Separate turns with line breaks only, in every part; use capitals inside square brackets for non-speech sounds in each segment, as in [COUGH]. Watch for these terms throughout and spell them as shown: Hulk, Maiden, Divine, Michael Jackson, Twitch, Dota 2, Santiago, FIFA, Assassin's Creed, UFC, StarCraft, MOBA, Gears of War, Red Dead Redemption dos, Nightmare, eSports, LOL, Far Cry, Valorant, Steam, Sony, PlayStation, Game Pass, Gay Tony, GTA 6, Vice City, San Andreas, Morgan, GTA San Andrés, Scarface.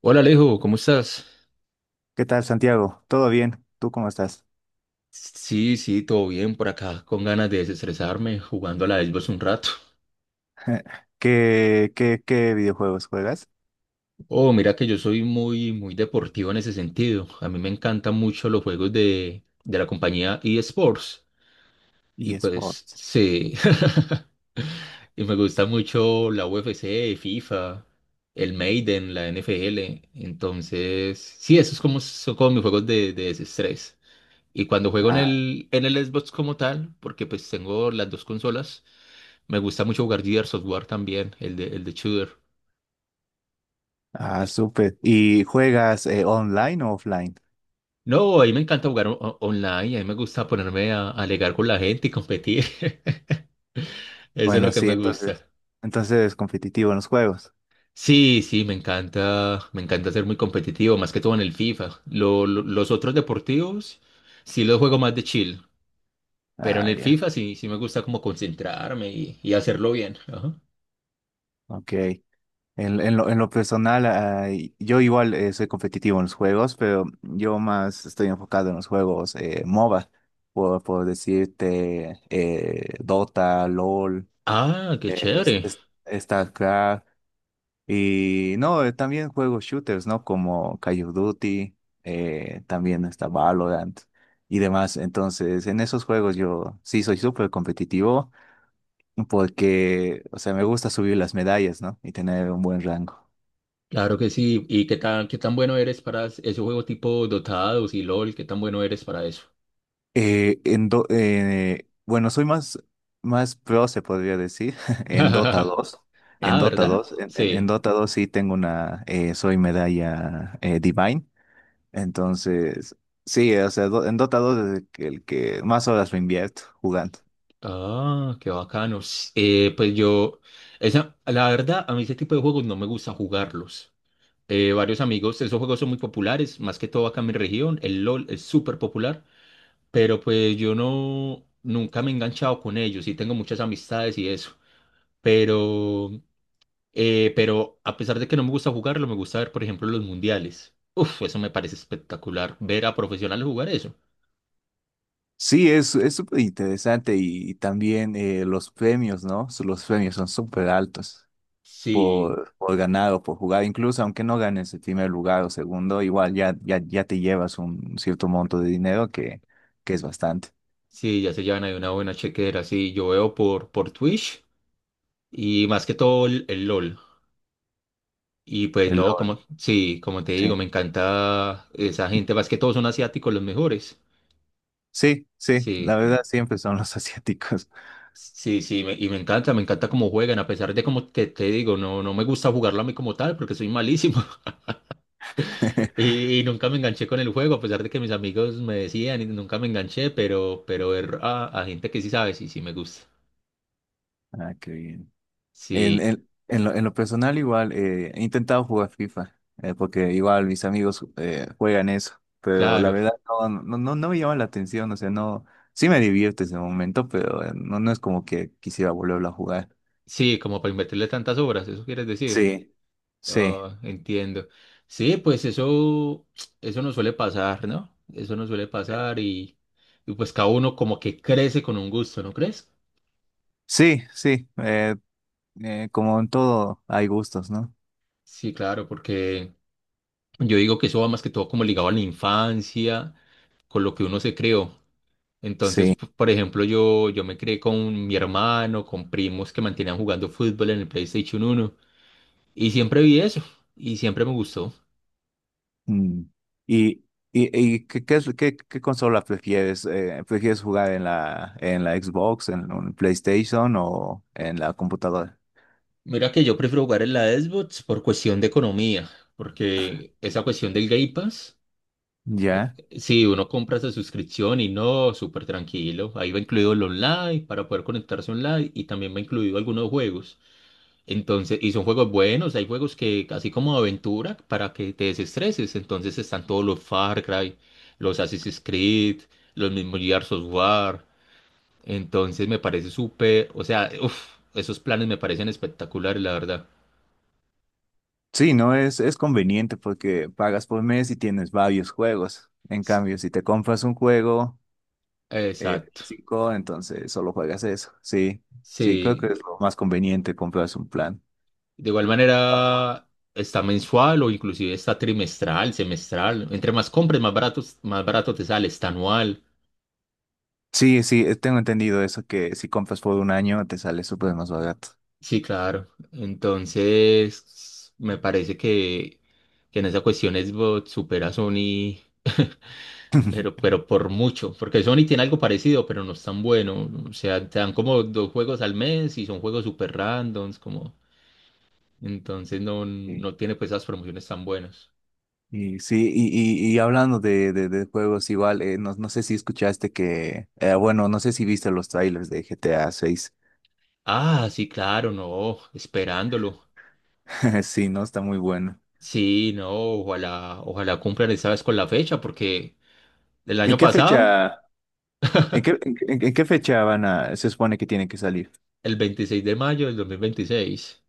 Hola Alejo, ¿cómo estás?
¿Qué tal, Santiago? ¿Todo bien? ¿Tú cómo estás?
Sí, sí, todo bien por acá, con ganas de desestresarme jugando a la Xbox un rato.
¿Qué videojuegos juegas?
Oh, mira que yo soy muy, muy deportivo en ese sentido. A mí me encantan mucho los juegos de la compañía eSports. Y pues,
eSports.
sí. [LAUGHS] Y me gusta mucho la UFC, FIFA, el Maiden, la NFL. Entonces, sí, esos como, son como mis juegos de desestrés. Y cuando juego en
Ah,
el Xbox como tal, porque pues tengo las dos consolas. Me gusta mucho jugar Gears Software también, el de Shooter.
ah, súper. ¿Y juegas online o offline?
No, a mí me encanta jugar online, a mí me gusta ponerme a alegar con la gente y competir. [LAUGHS] Eso es lo
Bueno,
que
sí,
me
entonces,
gusta.
entonces competitivo en los juegos.
Sí, sí, me encanta ser muy competitivo, más que todo en el FIFA. Los otros deportivos sí los juego más de chill, pero en
Ah,
el
ya.
FIFA sí, sí me gusta como concentrarme y hacerlo bien. Ajá.
Ok. En lo personal, yo igual soy competitivo en los juegos, pero yo más estoy enfocado en los juegos MOBA, por decirte Dota, LOL,
Ah, qué
eh, es-
chévere.
es- StarCraft. Y no, también juego shooters, ¿no? Como Call of Duty, también está Valorant y demás. Entonces, en esos juegos yo sí soy súper competitivo porque, o sea, me gusta subir las medallas, ¿no? Y tener un buen rango.
Claro que sí. ¿Y qué tan bueno eres para ese juego tipo Dotados y LOL? ¿Qué tan bueno eres para eso?
Bueno, más pro, se podría decir, [LAUGHS] en Dota
[LAUGHS]
dos. En
Ah,
Dota
¿verdad?
dos en, en- en
Sí.
Dota dos sí tengo una, soy medalla Divine. Entonces, sí, o sea, en Dota 2 es el que más horas me invierto jugando.
Ah, qué bacano. Pues yo, esa, la verdad, a mí ese tipo de juegos no me gusta jugarlos. Varios amigos, esos juegos son muy populares, más que todo acá en mi región. El LOL es súper popular, pero pues yo no, nunca me he enganchado con ellos y tengo muchas amistades y eso. pero pero a pesar de que no me gusta jugarlo, me gusta ver, por ejemplo, los mundiales. Uf, eso me parece espectacular, ver a profesionales jugar eso.
Sí, es súper interesante y también los premios, ¿no? Los premios son súper altos
Sí,
por ganar o por jugar. Incluso aunque no ganes el primer lugar o segundo, igual ya te llevas un cierto monto de dinero que es bastante.
sí, ya se llevan ahí una buena chequera, sí, yo veo por Twitch y más que todo el LOL. Y pues
El
no,
LOL,
como, sí, como te digo, me
sí.
encanta esa gente, más que todos son asiáticos los mejores.
Sí, sí, la
Sí,
verdad siempre son los asiáticos.
sí, sí, y me encanta cómo juegan, a pesar de como te digo, no, no me gusta jugarlo a mí como tal, porque soy malísimo.
[LAUGHS]
Y nunca me enganché con el juego, a pesar de que mis amigos me decían y nunca me enganché, pero ver a gente que sí sabe, sí, sí me gusta.
Ah, qué bien. En,
Sí,
en, en lo, en lo personal igual, he intentado jugar FIFA, porque igual mis amigos juegan eso, pero la
claro.
verdad no me llama la atención, o sea, no, sí me divierte ese momento, pero no es como que quisiera volverlo a jugar.
Sí, como para invertirle tantas obras, ¿eso quieres decir?
Sí, sí,
Ah, entiendo. Sí, pues eso no suele pasar, ¿no? Eso no suele pasar y pues cada uno como que crece con un gusto, ¿no crees?
sí, como en todo hay gustos, ¿no?
Sí, claro, porque yo digo que eso va más que todo como ligado a la infancia, con lo que uno se creó. Entonces,
Sí.
por ejemplo, yo me crié con mi hermano, con primos que mantenían jugando fútbol en el PlayStation 1 y siempre vi eso y siempre me gustó.
Mm. ¿Y, ¿qué consola prefieres? ¿Prefieres jugar en en la Xbox, en un PlayStation o en la computadora?
Mira que yo prefiero jugar en la Xbox por cuestión de economía, porque esa cuestión del Game Pass, eh,
Ya.
si uno compra esa suscripción y no, súper tranquilo, ahí va incluido el online para poder conectarse online y también va incluido algunos juegos. Entonces, y son juegos buenos, hay juegos que, así como de aventura, para que te desestreses. Entonces están todos los Far Cry, los Assassin's Creed, los mismos Gears of War. Entonces me parece súper, o sea, uf, esos planes me parecen espectaculares, la verdad.
Sí, no es, es conveniente porque pagas por mes y tienes varios juegos. En
S-
cambio, si te compras un juego
Exacto.
físico, entonces solo juegas eso. Sí, sí, creo que
Sí.
es lo más conveniente comprarse un plan.
De igual manera, está mensual o inclusive está trimestral, semestral. Entre más compres, más barato te sale, está anual.
Sí, sí, tengo entendido eso, que si compras por un año te sale súper más barato.
Sí, claro. Entonces, me parece que en esa cuestión Xbox supera a Sony, [LAUGHS] pero por mucho, porque Sony tiene algo parecido, pero no es tan bueno. O sea, te dan como dos juegos al mes y son juegos super randoms, como... Entonces no, no tiene pues esas promociones tan buenas.
Y sí, y, y hablando de juegos igual, no sé si escuchaste que, bueno, no sé si viste los trailers de GTA 6.
Ah, sí, claro, no, esperándolo.
[LAUGHS] Sí, no, está muy bueno.
Sí, no, ojalá, ojalá cumplan esta vez con la fecha, porque el
¿En
año
qué
pasado,
fecha, en qué, en- ¿en qué fecha van a, se supone que tiene que salir?
el 26 de mayo del 2026.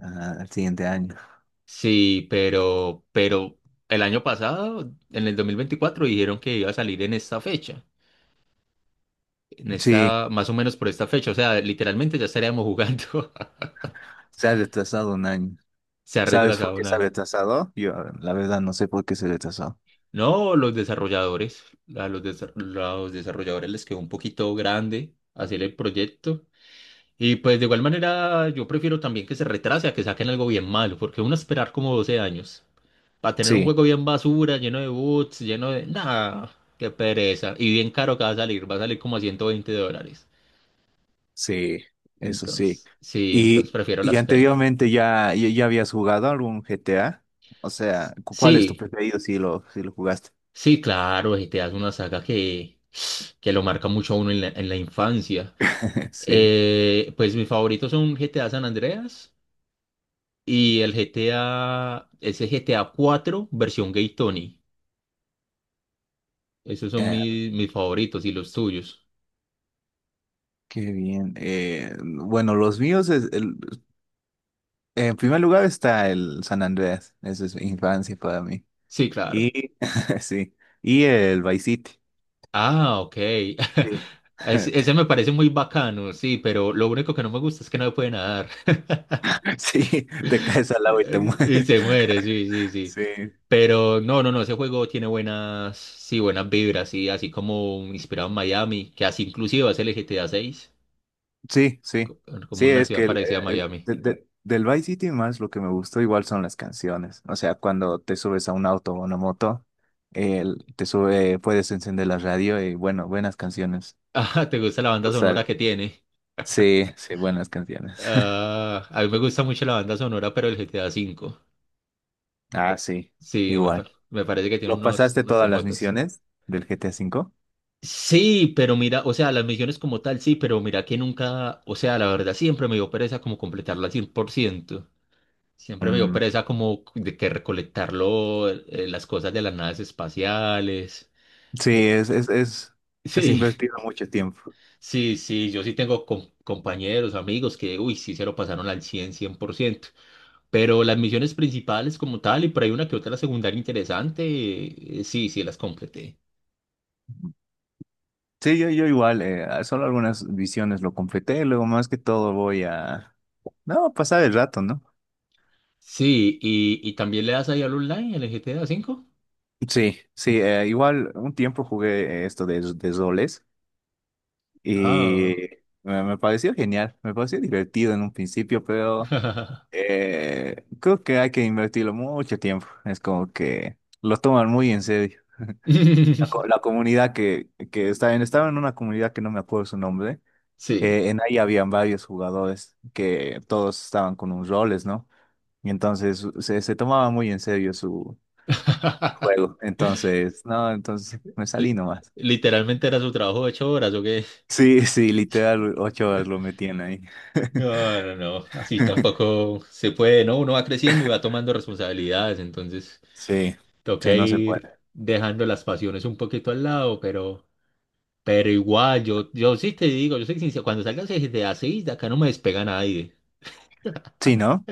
Ah, el siguiente año.
Sí, pero el año pasado, en el 2024, dijeron que iba a salir en esta fecha, en
Sí,
esta, más o menos por esta fecha, o sea, literalmente ya estaríamos jugando. [LAUGHS]
se ha retrasado un año.
Se ha
¿Sabes por
retrasado
qué
un
se ha
año.
retrasado? Yo, la verdad, no sé por qué se retrasó.
No, los desarrolladores, los desarrolladores les quedó un poquito grande hacer el proyecto. Y pues de igual manera, yo prefiero también que se retrase a que saquen algo bien malo, porque uno esperar como 12 años. Para tener un
Sí.
juego bien basura, lleno de boots, lleno de... nada qué pereza. Y bien caro que va a salir como a $120.
Sí, eso sí.
Entonces, sí, entonces prefiero la
Y
espera.
anteriormente ya habías jugado algún GTA. O sea, ¿cuál es tu
Sí,
preferido si si lo jugaste?
sí, claro, y te das una saga que lo marca mucho a uno en la infancia.
[LAUGHS] Sí.
Pues mis favoritos son GTA San Andreas y el GTA, ese GTA 4 versión Gay Tony. Esos son
Eh,
mis favoritos y los tuyos.
qué bien. Bueno, los míos, en primer lugar está el San Andreas. Eso es infancia para mí.
Sí, claro.
Y [LAUGHS] sí. Y el Vice City.
Ah, ok.
Sí.
[LAUGHS] Ese
[LAUGHS]
me parece muy bacano, sí, pero lo único que no me gusta es que no puede nadar. [LAUGHS]
Sí, te caes al agua y te
Y
mueres.
se muere, sí,
[LAUGHS]
sí, sí.
Sí,
Pero no, no, no, ese juego tiene buenas, sí, buenas vibras, y así como inspirado en Miami, que así inclusive va a ser el GTA 6,
sí,
como
sí,
una
es
ciudad
que
parecida a Miami. [LAUGHS]
del Vice City más lo que me gustó igual son las canciones. O sea, cuando te subes a un auto o una moto, te sube, puedes encender la radio y bueno, buenas canciones.
Ah, ¿te gusta la banda sonora
Total.
que tiene?
Sí, sí, buenas canciones. [LAUGHS]
Ah, a mí me gusta mucho la banda sonora, pero el GTA 5.
Ah, sí,
Sí,
igual.
me parece que tiene
¿Lo
unos,
pasaste
unos
todas las
temotes.
misiones del GTA cinco?
Sí, pero mira, o sea, las misiones como tal, sí, pero mira que nunca, o sea, la verdad siempre me dio pereza como completarla al 100%. Siempre me dio
Mm,
pereza como de que recolectarlo, las cosas de las naves espaciales.
sí,
Eh,
es
[LAUGHS] sí,
invertido mucho tiempo.
sí, sí, yo sí tengo compañeros, amigos que, uy, sí se lo pasaron al cien, cien por ciento. Pero las misiones principales como tal, y por ahí una que otra la secundaria interesante, sí, sí las completé.
Sí, yo igual, solo algunas visiones lo completé, luego más que todo voy a... No, pasar el rato, ¿no?
Sí, y también le das ahí al online, al GTA cinco.
Sí, sí, igual un tiempo jugué esto de roles y
Ah.
me pareció genial, me pareció divertido en un principio, pero
[LAUGHS]
creo que hay que invertirlo mucho tiempo. Es como que lo toman muy en serio. La comunidad que está en, estaba en una comunidad que no me acuerdo su nombre,
Sí.
en ahí habían varios jugadores que todos estaban con un roles, ¿no? Y entonces se tomaba muy en serio
[LAUGHS]
juego. Entonces, no, entonces me salí
Li-
nomás.
Literalmente era su trabajo de 8 horas, ¿o qué?
Sí, sí, literal, 8 horas lo metían ahí.
No, no, no. Así
[LAUGHS]
tampoco se puede, ¿no? Uno va creciendo y va tomando responsabilidades, entonces
Sí,
toca
sí, no se
ir
puede.
dejando las pasiones un poquito al lado, pero igual, yo sí te digo, yo soy sincero, cuando salgas de así, de acá no me despega nadie.
Sí, ¿no?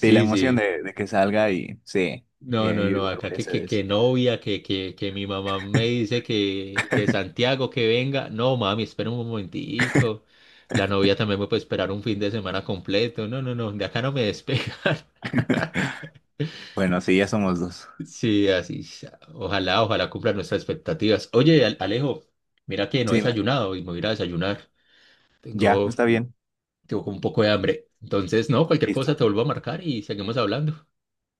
Sí, la emoción
sí.
de que salga y sí,
No,
bien,
no,
yo
no,
igual
acá
voy a
que,
hacer
que,
eso.
que novia, que, que mi mamá me dice que Santiago que venga. No, mami, espera un momentico. La novia también me puede esperar un fin de semana completo. No, no, no, de acá no me despegan. [LAUGHS]
Bueno, sí, ya somos dos.
Sí, así sea. Ojalá, ojalá cumplan nuestras expectativas. Oye, Alejo, mira que no he
Sí,
desayunado y me voy a ir a desayunar.
ya,
Tengo,
está bien.
Tengo un poco de hambre. Entonces, no, cualquier cosa
Listo.
te vuelvo a marcar y seguimos hablando.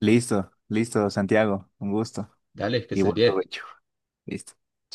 Listo, listo, Santiago, un gusto
Dale, que
y
estés
buen
bien.
provecho. Listo. Chao,